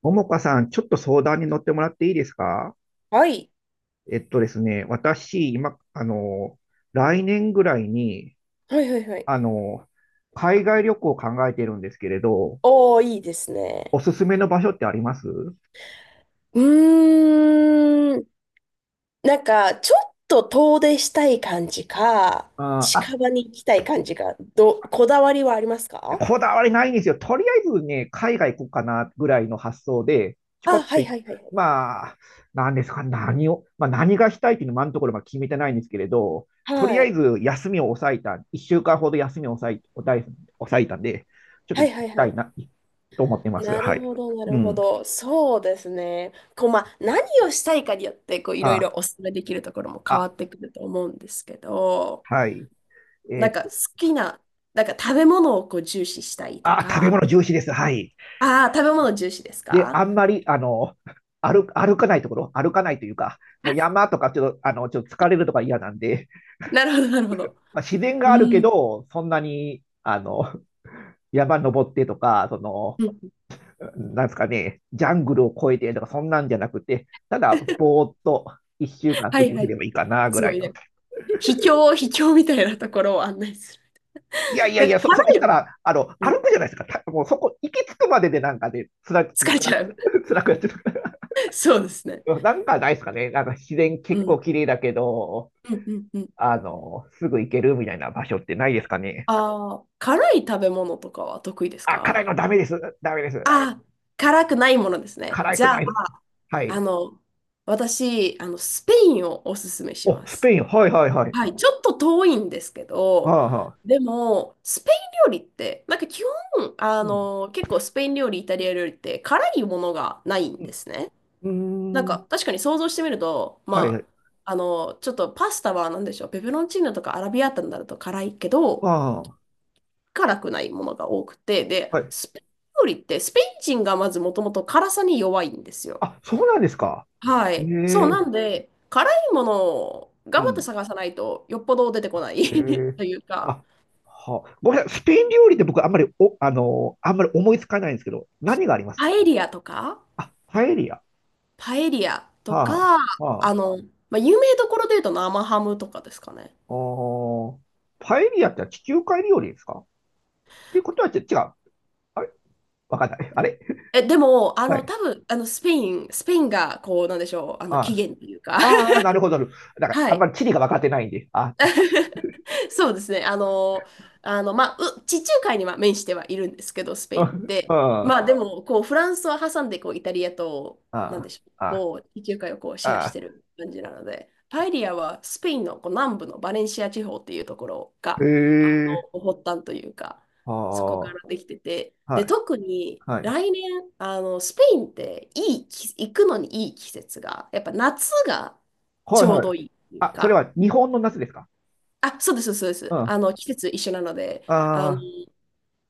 ももかさん、ちょっと相談に乗ってもらっていいですか？はい。えっとですね、私、今、来年ぐらいに、はいはいはい。あの、海外旅行を考えてるんですけれど、おー、いいですおね。すすめの場所ってあります？うーん。なんか、ちょっと遠出したい感じか、あー、近場に行きたい感じか、こだわりはありますか？こだわりないんですよ。とりあえずね、海外行こうかなぐらいの発想で、ちょこあ、っはといい、はいはいはい。まあ、何ですか、何を、まあ、何がしたいっていうのは今のところまだ決めてないんですけれど、とりはあえい。ず休みを抑えた、1週間ほど休みを抑え抑え抑えたんで、ちょっとは行いはいきはたいい。な、と思ってます。なはるい。ほど、なうるほん。ど。そうですね。こう、まあ、何をしたいかによって、こう、いろいあ、ろお勧めできるところも変わあ、ってくると思うんですけど、はい。えなーんっか、好と、きな、なんか、食べ物をこう重視したいとあ、食べか、物重視です。はい。ああ、食べ物重視ですで、か？ あんまり、歩かないところ、歩かないというか、もう 山とかちょっと、ちょっと疲れるとか嫌なんで、なるほど、なるほど。まあ、自然があるけうん。ど、そんなに、山登ってとか、その、うん。なんですかね、ジャングルを越えてとか、そんなんじゃなくて、ただ、ぼ ーっと一週間は過いごはせれい。ばいいかな、ぐすらごいいの。ね。秘境みたいなところを案内する。いやいやいだからや、それし辛たいよ。ら、うん。歩くじゃないですか。た、もうそこ、行き着くまででなんかね、つら、つ疲ら、れちゃう。つらくやってる。そうですね。なんかないですかね。なんか自然う結構ん。綺麗だけど、うんうんうん。すぐ行けるみたいな場所ってないですかね。ああ、辛い食べ物とかは得意ですあ、か？辛いのダメです。ダメです。ああ、辛くないものですね。辛じくゃなあ、いの。はあい。の、私、スペインをおすすめしお、まスす。ペイン。はいはいはい。はい、ちょっと遠いんですけあど、あ、はあ。でも、スペイン料理って、なんか基本、うん。結構スペイン料理、イタリア料理って辛いものがないんうですね。なんん。うーか、ん。確かに想像してみると、はいはまい。あ、ちょっとパスタは何でしょう、ペペロンチーノとかアラビアータになると辛いけど、あ辛くないものが多くて、で、あ、はい。スペイン料理って、スペイン人がまずもともと辛さに弱いんですよ。あ、そうなんですか。はえい。そう、え、なんで、辛いものをう頑張ってん。探さないと、よっぽど出てこなえい え。というか、あ、はあ。ごめんなさい。スペイン料理って僕あんまり、お、あのーあんまり思いつかないんですけど、何があります？パエリアとか、あ、パエリア。パエリアとか、はあ、はああ。の、まあ、有名どころで言うと生ハムとかですかね。おー、パエリアって地中海料理ですかっていうことはち違う。あれわかんない。あれえ、でも、はい。多分、スペインが、こう、なんでしょう、起あ源というか あ。ああ、なるほど。なるほど。だから、はあんまい。り地理が分かってないんで。あ、そうですね。まあ、地中海には面してはいるんですけど、スペイうンっん。て。うまん。あ、でも、こう、フランスを挟んで、こう、イタリアと、なんであしょう、あ、あこう、地中海をこう、シェアあ、しあてる感じなので、パエリアはスペインのこう南部のバレンシア地方っていうところあ、へが、あえ、発端というか、あそこあ、からできてて、で、はい、特に、はい、来年、スペインって、いい季、行くのにいい季節が、やっぱ夏がはちい、ょうはい。どいいっていうあ、それか、は日本の夏ですか？あ、そうです、そうでうす。ん。ああの、季節一緒なので、あの、あ、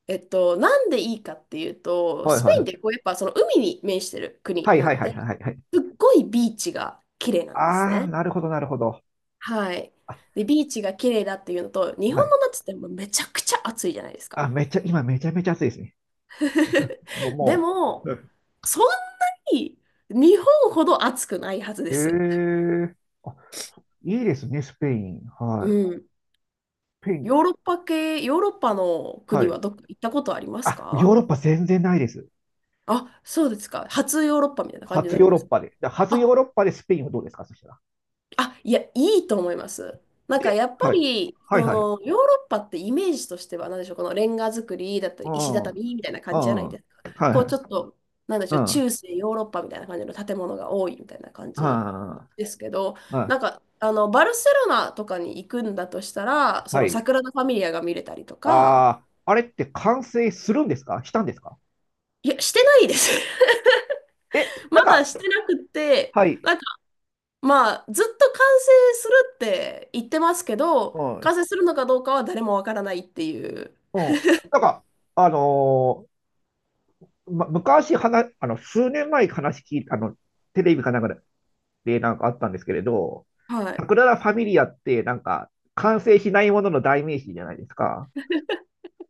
なんでいいかっていうと、はい、スペはい、インはってこう、やっぱその海に面してるい、国はい、なはい、のはで、い、はい。すっごいビーチが綺麗なんですああ、ね。なるほど、なるほど。はい。あ、で、ビーチが綺麗だっていうのと、日は本い。の夏ってもうめちゃくちゃ暑いじゃないですか。あ、めっちゃ、今めちゃめちゃ暑いですね。もう、でもも、う。そんなに日本ほど暑くないはずでえす。え、あ、いいですね、スペイン。うはい。ん。スペイン、ヨーロッパ系、ヨーロッパのは国はい。どっか行ったことありますあ、か？ヨーロッパ全然ないです。あ、そうですか。初ヨーロッパみたいな感じに初なりヨーまロッす。パで。だ、初ヨーあ、ロッパでスペインはどうですか、そしたら。いや、いいと思います。なんかで、やっぱはい。り、はい、そはい。の、ヨーロッパってイメージとしては、なんでしょう、このレンガ造りだったり、う石ん。うん。畳みたいな感じじゃないではすか。いこう、はちょい。っと、なんでしうょう、ん。中世ヨーロッパみたいな感じの建物が多いみたいな感じはですけど、い。はなんい。か、バルセロナとかに行くんだとしたら、そはの、サい。グラダ・ファミリアが見れたりとか、ああ、あれって完成するんですか？したんですか？いや、してないです。え、まなんだか、してなくて、はい。なんまあ、ずっと完成するって言ってますけど、うん。うん。完成するのかどうかは誰もわからないっていう。なんか、あのま、昔話、数年前に話聞いた、テレビかなんかでなんかあったんですけれど、はい。桜田ファミリアってなんか、完成しないものの代名詞じゃないですか。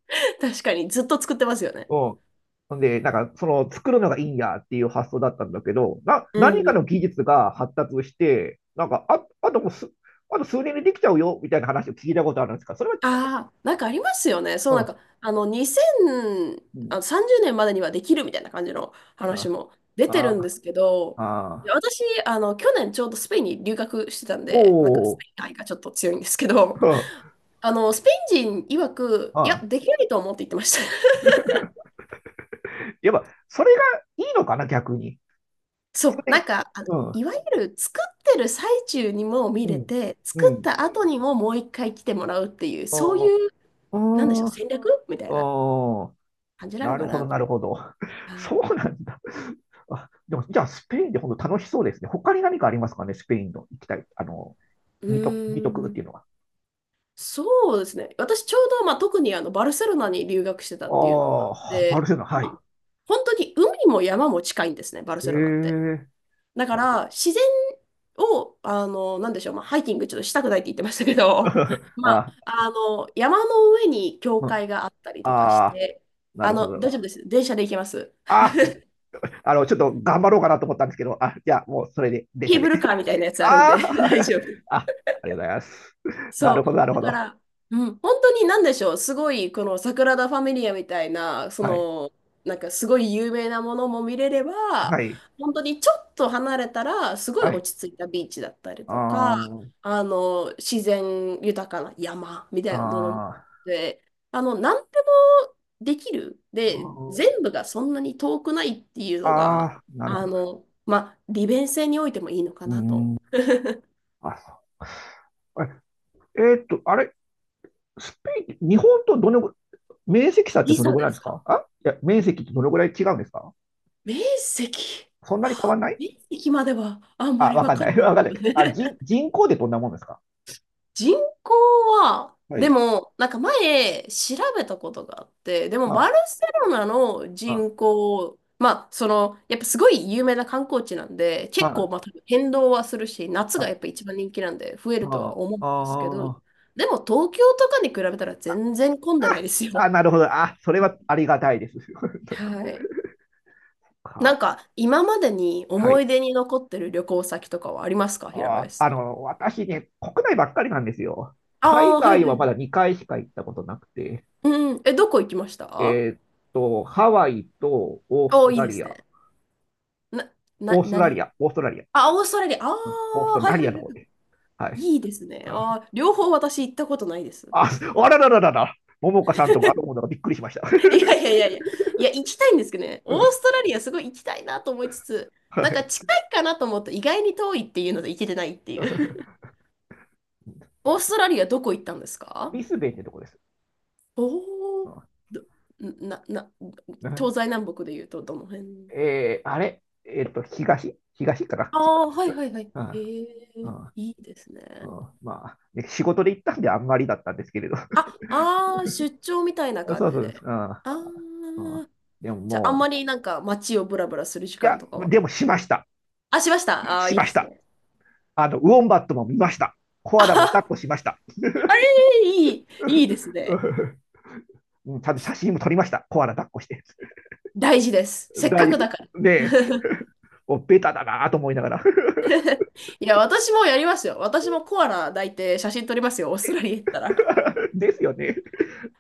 確かに、ずっと作ってますよね。うん。ほんで、作るのがいいんやっていう発想だったんだけど、な、う何かのん。技術が発達して、あ、あともうす、あと数年でできちゃうよ、みたいな話を聞いたことあるんですか、それああ、なんかありますよね。そう、なんは？か、うん、うん、2030年までにはできるみたいな感じの話あ、も出てるんであ、すけど、いあ、や私、去年ちょうどスペインに留学してたんおで、なんかスお、ペイン愛がちょっと強いんですけど、うん、スペイン人曰く、ういや、ん。できないと思うって言ってました。やっぱ、それがいいのかな、逆に。そそう、なれ、んか、うん、いわゆる作ってる最中にも見うれん、て、う作っん、た後にももう一回来てもらうっていう、そうあいう、なんでしょう、あ、戦略みたいなああ、感じななのるかほなど、となる思ほど。う。はそい。うなんだ。あ、でも、じゃあ、スペインで本当楽しそうですね。他に何かありますかね、スペインの行きたい、う見と、見とーくっていうん。のは。そうですね。私ちょうど、まあ、特にあのバルセロナに留学してたっていうのもあっああ、バルて、セロナ、はい。本当に海も山も近いんですね、バルえセロナって。え だから、自然を、なんでしょう、まあ、ハイキングちょっとしたくないって言ってましたけど、まあ、あ、山の上に教うん、会があったりとかしあて、ー、なるほ大ど。丈夫です。電車で行けます。あ、ちょっと頑張ろうかなと思ったんですけど、あ、じゃあ、もうそれで、電ケ車ーでブしたルね。カーみたいなやつあるんあで、大丈夫です。ー あ、ありがとうございます。なそるほど、なるう。だほかど。ら、うん、本当に何でしょう、すごい、このサグラダ・ファミリアみたいな、そはい、の、なんかすごい有名なものも見れれば、はい、本当にちょっと離れたら、すごいはい。落ち着いたビーチだったりあとか、ー、自然豊かな山みたいなものもあー、で、何でもできる。あで、ー。全部がそんなに遠くないっていうあのが、あ、なるほど。まあ、利便性においてもいいのかうーなと。ん。あ、そう。え、えーっと、あれ、スペイン、日本とどのぐ、面積差って時どの差ぐらでいですすか？か？あ、いや、面積ってどのぐらい違うんですか？面積、そんなに変あわんない。面積まではあんまあ、りわわかんかなんい。ないわかんなよい。ね。あ、人、人口でどんなもんですか？人口は、はでい。も、なんか前調べたことがあって、でもあ、バルセロナのあ、人口、まあ、その、やっぱすごい有名な観光地なんで、結あ、構まあ多分変動はするし、夏があ、やっぱ一番人気なんで増えるとはあ、思うんあ、ですけど、あ、でも東京とかに比べたら全然混んでないですよ。あ、なるほど。あ、それはありがたいです。本当にはい。なか、んか、今までには思いい。出に残ってる旅行先とかはありますか、平あ、林さん？私ね、国内ばっかりなんですよ。あ海あ、はい外ははまだい。2回しか行ったことなくて。うん。え、どこ行きました？えーっと、ハワイとオースおトーいいラでリすア、ね。な、オーストラリ何？ア、オーストラリア、あ、オーストラリア。あうん、オースあ、トはいラはいリアのは方で。はい。い。いいですね。うあん、あ、両方私行ったことないです。あ、あららららら、桃岡さんともあのも のがびっくりしました。い やいやいやいや、いや、行きたいんですけどね。うオースん、トラリアすごい行きたいなと思いつつ、はなんかい。近いかなと思って意外に遠いっていうので行けてないっていう。オーストラリアどこ行ったんですブか？リスベンってとこです。おお。うどな、な、東西ん、南北で言うとどの辺？えー、あれ、えーっと、東、東かな。ああ、はいはいはい。うえん、うえ。ん、いいですね。うん、まあ、ね、仕事で行ったんであんまりだったんですけれど。あ、ああ出張みたい なそう感じそうです。で。うん、あうん、あ、でもじゃああもんう、まりなんか街をブラブラする時い間や、とかは。でもしました。あ、しました。ああしいいまでしすた。ね。あの、ウォンバットも見ました。コアラも抱っあこしました。あいいですね。うん、ちゃんと写真も撮りました。コアラ抱っこして。大事です。せっ大かく丈だから。夫ね。え、もうベタだなと思いながら。いや、私もやりますよ。私もコアラ抱いて写真撮りますよ。オーストラリア行ったら。ですよね。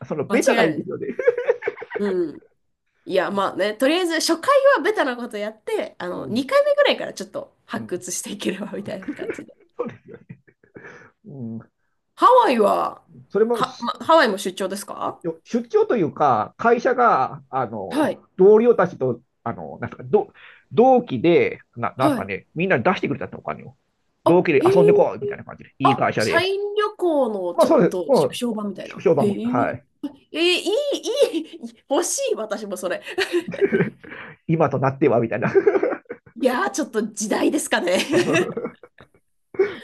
その間違ベタいがないいでい。すよね。うん。いや、まあね、とりあえず初回はベタなことやって、うん、2回目ぐらいからちょっとう発ん、掘していければみたいな感じで。そうですよね。ハワイは、うん、それもしハワイも出張ですか？出張というか、会社が、はい、同僚たちと、なんすか、ど、同期で、な、なんすはかい。ね、みんな出してくれたって、お金を。同あ、期でへえ、遊んでこうみたいな感じで、いいあ、会社社で。員旅行のまあちょそっうです。とも縮う、小版みたいな。商売へも、はえ、い。あえー、いい、欲しい、私もそれ。今となっては、みたいな いやー、ちょっと時代ですかね。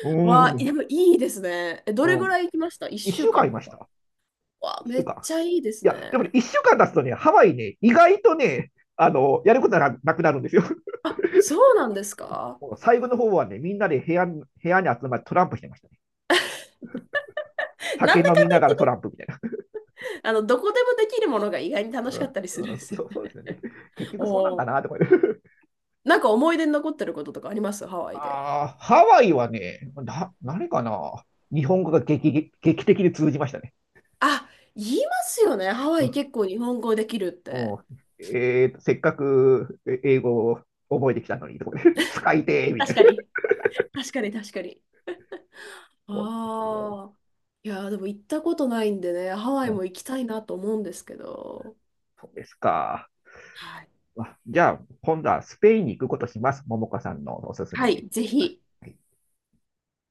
うわあ、ん。でもいいですね。え、どうれぐん。らい行きました？ 一週間 1 い週間まとしか。た。わあ、一め週っ間。ちゃいいですいや、でもね、ね。一週間経つとね、ハワイね、意外とね、やることがなくなるんですよ。あ、そうなんです か？もう最後の方はね、みんなで部屋に、部屋に集まってトランプしてましたね。な酒んだ飲かみんだな言っがてらね、トランプみたいな。どこでもできるものが意外に楽うしかったりすん、るんうん、ですよね。そ、そうですね。結局そうなんおかー、なとかって なんか思い出に残ってることとかありますハ ワイで？ああ、ハワイはね、な、何かな。日本語が劇、劇的に通じましたね。あ、言いますよね。ハワうイん、結構日本語できるっうて。ん、えーと、せっかくえ英語を覚えてきたのに、とかね 使いてーみた確いかな。に。確かに、確かに。そうですよ。ああ。いやー、でも行ったことないんでね、ハワうイん、も行きたいなと思うんですけど。そうですか。はい。まあじゃあ、今度はスペインに行くことします。ももかさんのおすすはめで。い、ぜはひ。い